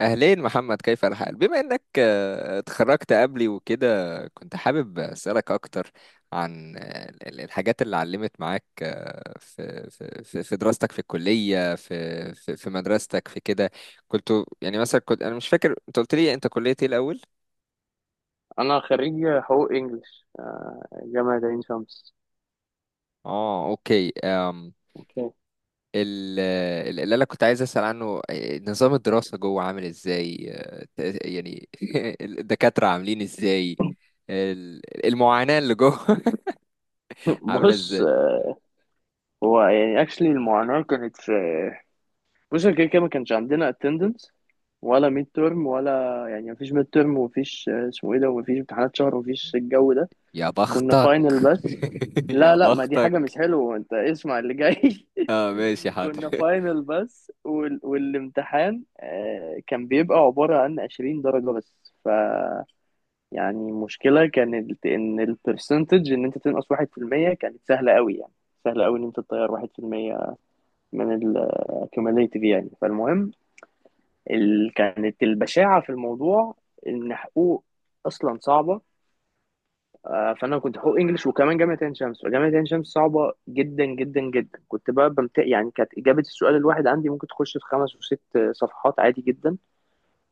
أهلين محمد، كيف الحال؟ بما إنك اتخرجت قبلي وكده كنت حابب أسألك أكتر عن الحاجات اللي علمت معاك في دراستك في الكلية، في مدرستك في كده. كنت يعني مثلا، كنت أنا مش فاكر أنت قلت لي أنت كلية إيه الأول؟ انا خريج حقوق انجلش، جامعة عين شمس. آه أوكي. اوكي. ال- اللي أنا كنت عايز أسأل عنه، نظام الدراسة جوه عامل إزاي؟ يعني الدكاترة عاملين إزاي؟ المعاناة اللي جوه عاملة بص، ازاي؟ هو يعني اكشلي المعاناة كانت في. بص، كده كده ما كانش عندنا اتندنس ولا ميد ترم ولا. يعني مفيش ميد ترم ومفيش اسمه ايه ده ومفيش امتحانات شهر ومفيش الجو ده. يا كنا بختك فاينل بس. يا لا لا، ما دي حاجة بختك. مش حلوة، انت اسمع اللي جاي. اه ماشي كنا حاضر. فاينل بس والامتحان كان بيبقى عبارة عن 20 درجة بس. يعني المشكلة كانت إن البرسنتج، إن أنت تنقص 1% كانت سهلة أوي، يعني سهلة أوي إن أنت تطير 1% من ال cumulative يعني. فالمهم، كانت البشاعة في الموضوع إن حقوق أصلا صعبة. فأنا كنت حقوق إنجلش وكمان جامعة عين شمس، فجامعة عين شمس صعبة جدا جدا جدا. كنت بقى يعني كانت إجابة السؤال الواحد عندي ممكن تخش في خمس وست صفحات عادي جدا.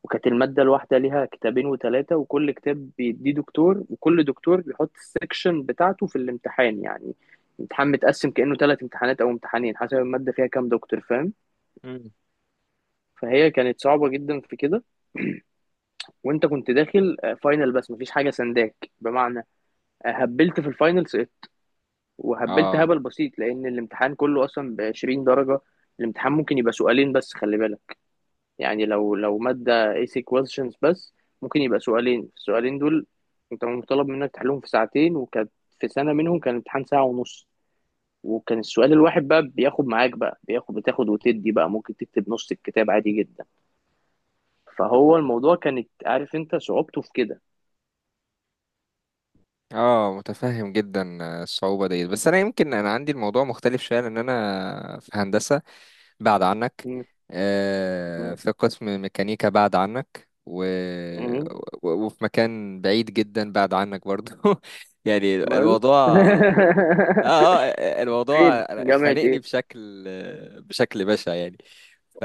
وكانت المادة الواحدة ليها كتابين وتلاتة، وكل كتاب بيديه دكتور، وكل دكتور بيحط السكشن بتاعته في الامتحان. يعني الامتحان متقسم كأنه تلات امتحانات أو امتحانين حسب المادة فيها كام دكتور، فاهم؟ مم. فهي كانت صعبة جدا في كده. وانت كنت داخل فاينل بس، مفيش حاجة سنداك بمعنى. هبلت في الفاينل، سقطت وهبلت اه هبل بسيط لأن الامتحان كله أصلا بـ20 درجة. الامتحان ممكن يبقى سؤالين بس، خلي بالك. يعني لو مادة AC questions بس، ممكن يبقى سؤالين، السؤالين دول انت مطالب منك تحلهم في ساعتين. وكانت في سنة منهم كان الامتحان ساعة ونص، وكان السؤال الواحد بقى بياخد معاك، بقى بياخد بتاخد وتدي بقى، ممكن تكتب نص الكتاب عادي جدا. فهو الموضوع كانت عارف انت صعوبته في كده. اه، متفهم جدا الصعوبة ديت، بس انا يمكن انا عندي الموضوع مختلف شوية، لان انا في هندسة بعد عنك، م- م- في قسم ميكانيكا بعد عنك، و... م- و- وفي مكان بعيد جدا بعد عنك برضو يعني ماله؟ الموضوع اه اه، فين، الموضوع جامعة خانقني ايه؟ بشكل بشع يعني. ف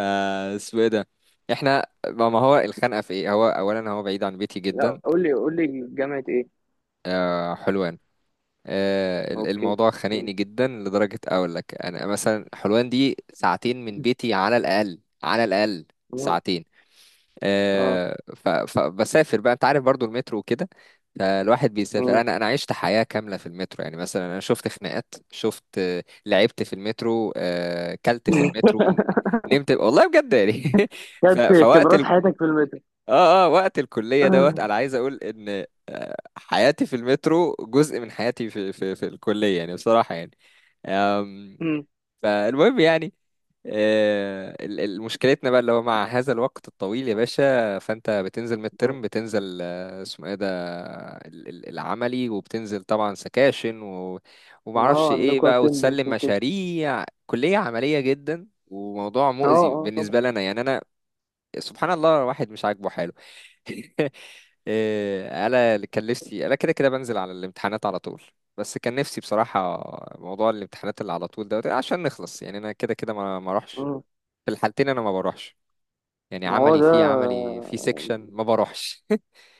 اسمه ايه ده، احنا ما ما هو الخنقه في ايه؟ هو اولا هو بعيد عن بيتي لا، جدا. قول لي قول لي جامعة ايه. آه حلوان. اوكي. الموضوع م- خانقني جدا، لدرجة أقول لك أنا مثلا حلوان دي ساعتين من بيتي، على الأقل على الأقل م- ساعتين. اه. فبسافر بقى، أنت عارف برضو المترو وكده. فالواحد بيسافر، م. أنا عشت حياة كاملة في المترو. يعني مثلا أنا شفت خناقات، شفت لعبت في المترو، كلت في المترو، نمت والله بجد يعني كانت فوقت خبرات ال... حياتك في المتر. اه اه، وقت الكلية دوت، أنا عايز أقول إن حياتي في المترو جزء من حياتي في الكلية يعني، بصراحة يعني. أم، مم. فالمهم يعني، مشكلتنا بقى اللي هو مع هذا الوقت الطويل يا باشا، فانت بتنزل ميد مم. ترم، بتنزل اسمه ايه ده، العملي، وبتنزل طبعا سكاشن و... ومعرفش اه، ايه عندكوا بقى، اتندنس وتسلم وكده. مشاريع، كلية عملية جدا، وموضوع اه مؤذي اه، طبعا. بالنسبة لنا يعني. انا سبحان الله الواحد مش عاجبه حاله إيه، انا اللي كان نفسي، انا كده كده بنزل على الامتحانات على طول، بس كان نفسي بصراحة موضوع الامتحانات اللي على طول ده، عشان نخلص يعني. انا كده كده ما اروحش. مم. في الحالتين انا ما بروحش، يعني ما هو عملي ده. في عملي في سيكشن ما بروحش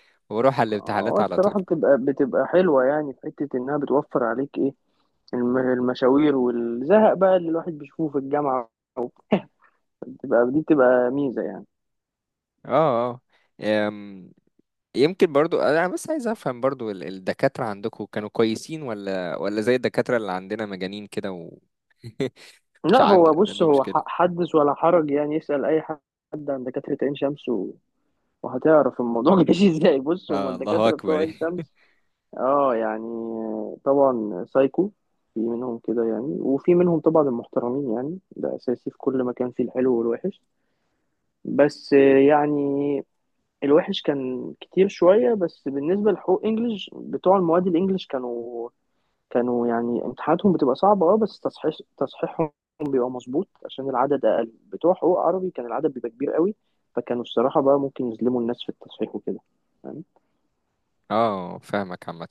بروح على الامتحانات هو على طول. الصراحة بتبقى حلوة، يعني في حتة إنها بتوفر عليك إيه، المشاوير والزهق بقى اللي الواحد بيشوفه في الجامعة وبتاع. بتبقى دي بتبقى ميزة يعني. اه اه. أم، يمكن برضو انا بس عايز افهم برضو الدكاترة عندكم كانوا كويسين، ولا زي الدكاترة اللي عندنا مجانين كده و... مش لا، عند، هو بص، عنده هو مشكلة. حدث ولا حرج. يعني يسأل أي حد عن دكاترة عين شمس و- وهتعرف الموضوع. ماشي، إزاي؟ بص، هما اه الله الدكاترة بتوع اكبر عين شمس، اه يعني طبعا سايكو، في منهم كده يعني، وفي منهم طبعا المحترمين. يعني ده اساسي في كل مكان فيه الحلو والوحش. بس يعني الوحش كان كتير شوية. بس بالنسبة لحقوق انجلش، بتوع المواد الانجليش كانوا يعني امتحاناتهم بتبقى صعبة اه، بس تصحيح تصحيحهم بيبقى مظبوط عشان العدد اقل. بتوع حقوق عربي كان العدد بيبقى كبير قوي، فكانوا الصراحة بقى ممكن يظلموا الناس في التصحيح وكده يعني. اه فاهمك عامة.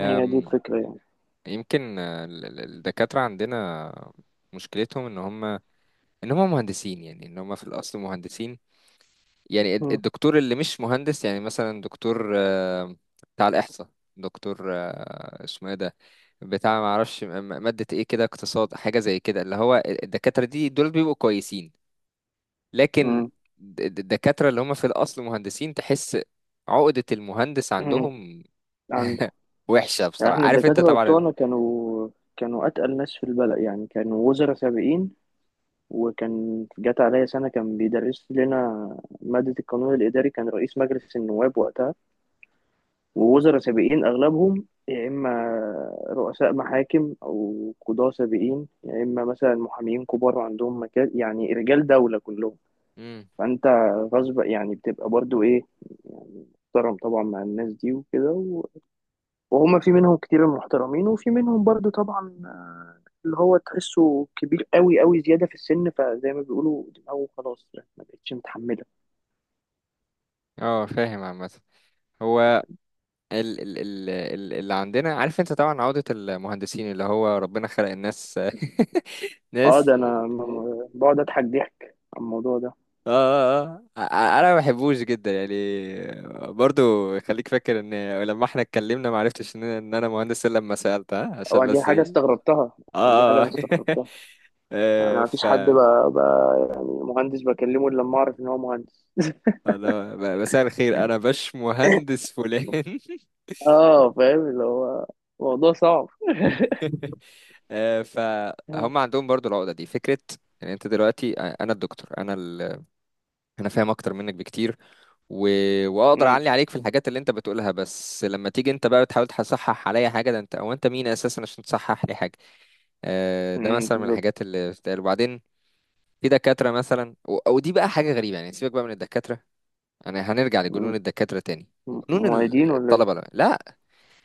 هي دي الفكرة يعني. يمكن الدكاترة عندنا مشكلتهم ان هم مهندسين، يعني ان هم في الاصل مهندسين. يعني مم. الدكتور اللي مش مهندس، يعني مثلا دكتور بتاع الاحصاء، دكتور اسمه ايه ده، بتاع ما اعرفش مادة ايه كده، اقتصاد حاجة زي كده، اللي هو الدكاترة دي دول بيبقوا كويسين. لكن مم. الدكاترة اللي هم في الاصل مهندسين، تحس عقدة المهندس عندهم مم. وحشة يعني بصراحة، احنا عارف انت الدكاترة طبعا. بتوعنا كانوا أتقل ناس في البلد. يعني كانوا وزراء سابقين، وكان جات عليا سنة كان بيدرس لنا مادة القانون الإداري كان رئيس مجلس النواب وقتها. ووزراء سابقين أغلبهم، يا إما رؤساء محاكم أو قضاة سابقين، يا إما مثلا محامين كبار عندهم مكان، يعني رجال دولة كلهم. امم. فأنت غصب يعني بتبقى برضو إيه، يعني محترم طبعا مع الناس دي وكده. وهما في منهم كتير محترمين، وفي منهم برضو طبعا اللي هو تحسه كبير قوي قوي زيادة في السن، فزي ما بيقولوا دماغه خلاص ما بقتش متحملة. اه فاهم عامة. هو اللي عندنا عارف انت طبعا، عقدة المهندسين، اللي هو ربنا خلق الناس اه، ناس. ده انا بقعد اضحك ضحك على الموضوع ده. اه اه اه، انا ما بحبوش جدا يعني، برضو. خليك فاكر ان لما احنا اتكلمنا ما عرفتش ان انا مهندس، الا لما سألت، ها؟ عشان او دي بس حاجة ايه، استغربتها، يعني دي حاجة اه اه انا استغربتها. يعني آه، ما فيش ف حد بقى يعني مهندس بكلمه الا لما اعرف ان هو مهندس. انا مساء الخير، انا باش مهندس فلان اه، فاهم، اللي هو موضوع صعب. فهم عندهم برضو العقدة دي، فكرة ان انت دلوقتي، انا الدكتور، انا ال... انا فاهم اكتر منك بكتير، و... واقدر امم، اعلي عليك في الحاجات اللي انت بتقولها. بس لما تيجي انت بقى بتحاول تصحح عليا حاجة، ده انت او انت مين اساسا عشان تصحح لي حاجة؟ ده امم، مثلا من الحاجات بالظبط. اللي بتتقال. وبعدين في دكاترة مثلا، و... ودي بقى حاجة غريبة يعني، سيبك بقى من الدكاترة، انا هنرجع لجنون مم. الدكاترة تاني، جنون معيدين ولا ايه؟ الطلبة. لا لا،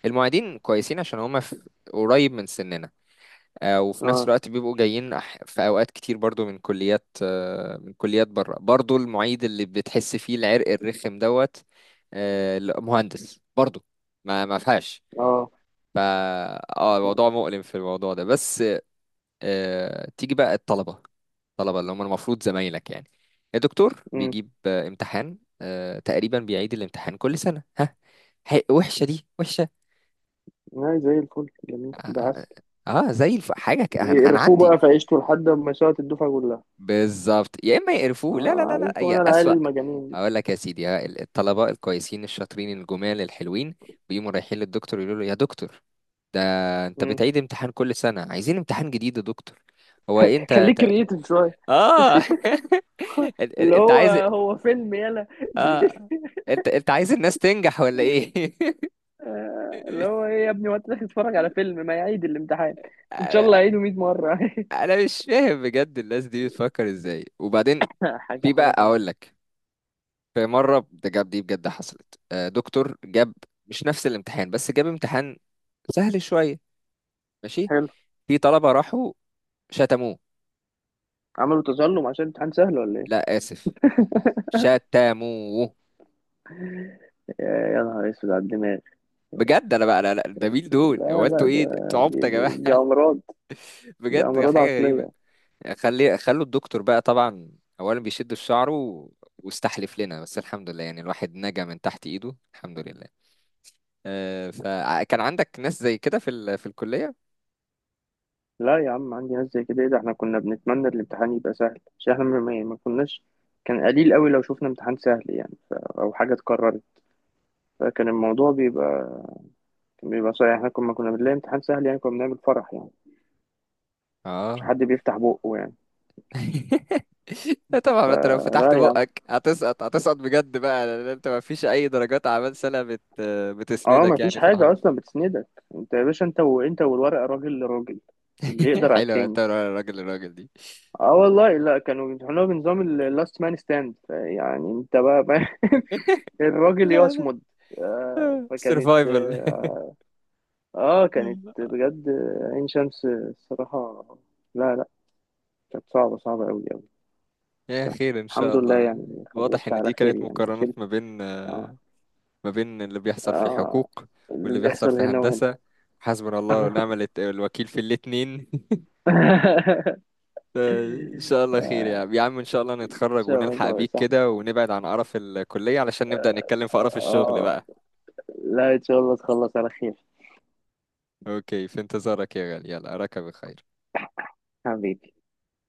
المعيدين كويسين عشان هم في... قريب من سننا، وفي نفس اه الوقت بيبقوا جايين في اوقات كتير برضو من كليات، من كليات بره برضو. المعيد اللي بتحس فيه العرق الرخم دوت، لا، مهندس برضو، ما فيهاش. اه، ف اه الموضوع مؤلم في الموضوع ده. بس تيجي بقى الطلبه، الطلبه اللي هم المفروض زمايلك يعني، الدكتور بيجيب امتحان، تقريبا بيعيد الامتحان كل سنه، ها؟ وحشه دي، وحشه. لا زي الفل، جميل، اه ده عسل. آه، آه، زي الف... حاجه ك- هن- يقرفوه هنعدي. بقى في عيشته لحد ما يسقط الدفعة كلها. بالظبط. يا اما يقرفوه، لا لا اه لا لا، عارف، يا وانا العيال اسوأ. المجانين دي. اقول لك يا سيدي، ها، الطلبه الكويسين الشاطرين الجمال الحلوين، بيقوموا رايحين للدكتور يقولوا له: يا دكتور ده، انت مم. بتعيد امتحان كل سنه، عايزين امتحان جديد يا دكتور. هو إيه، خليك كرييتيف شوية. اه انت اللي أنت هو عايز، هو فيلم يلا. اه، انت عايز الناس تنجح ولا ايه؟ اللي هو ايه يا ابني، وقت داخل تتفرج على فيلم؟ ما يعيد الامتحان ان شاء الله يعيده 100 مرة. انا مش فاهم بجد الناس دي بتفكر ازاي. وبعدين حاجة في بقى حاجة اقول صعبة. لك، في مرة بجد، دي بجد حصلت، دكتور جاب مش نفس الامتحان، بس جاب امتحان سهل شوية، ماشي. حلو. في طلبة راحوا شتموه. عملوا تظلم عشان امتحان سهل ولا ايه؟ لا آسف، شتموه يا يا نهار اسود على الدماغ. بجد. انا بقى لا لا، ده مين دول؟ هو لا لا، انتوا ايه، ده- انتوا عبط دي يا دي, دي جماعة؟ امراض، دي بجد امراض حاجة غريبة. عقلية. خلوا الدكتور بقى طبعا اولا بيشد في شعره، واستحلف لنا، بس الحمد لله يعني الواحد نجا من تحت ايده، الحمد لله. فكان عندك ناس زي كده في ال... في الكلية؟ لا يا عم عندي ناس زي كده، ايه ده، احنا كنا بنتمنى الامتحان يبقى سهل عشان احنا ما كناش. كان قليل قوي لو شفنا امتحان سهل يعني، او حاجه اتكررت. فكان الموضوع بيبقى، كان بيبقى صعب. احنا كنا بنلاقي امتحان سهل يعني كنا بنعمل فرح، يعني مش اه حد بيفتح بقه يعني. طبعا ما انت لو فلا فتحت يا عم، بقك هتسقط، هتسقط بجد بقى، لان انت ما فيش اي درجات اعمال سنه بت... اه ما بتسندك فيش يعني في حاجه الحرب اصلا بتسندك. انت يا باشا، انت وانت والورقه، راجل لراجل، اللي يقدر على حلو، انت التاني. راجل الراجل دي اه والله، لا كانوا بيمتحنوها بنظام اللاست مان ستاند، يعني انت بقى الراجل لا لا، يصمد. آه، فكانت سيرفايفل آه، اه، كانت بجد عين شمس الصراحة، لا لا، كانت صعبة صعبة أوي أوي. يا بس خير ان شاء الحمد لله الله. يعني واضح خلصت ان على دي خير، كانت يعني ما مقارنات شلت. ما بين اه ما بين اللي بيحصل في اه، حقوق اللي واللي بيحصل بيحصل في هنا وهنا. هندسة. حسبنا الله ونعم الوكيل في الاتنين ان شاء الله خير يا عم، يا عم ان شاء الله إن نتخرج شاء ونلحق الله يا بيك صاحبي. كده ونبعد عن قرف الكلية علشان نبدأ نتكلم في قرف الشغل اه، بقى. لا إن شاء الله تخلص على خير، اوكي، في انتظارك يا غالي، يلا اراك بخير. حبيبي.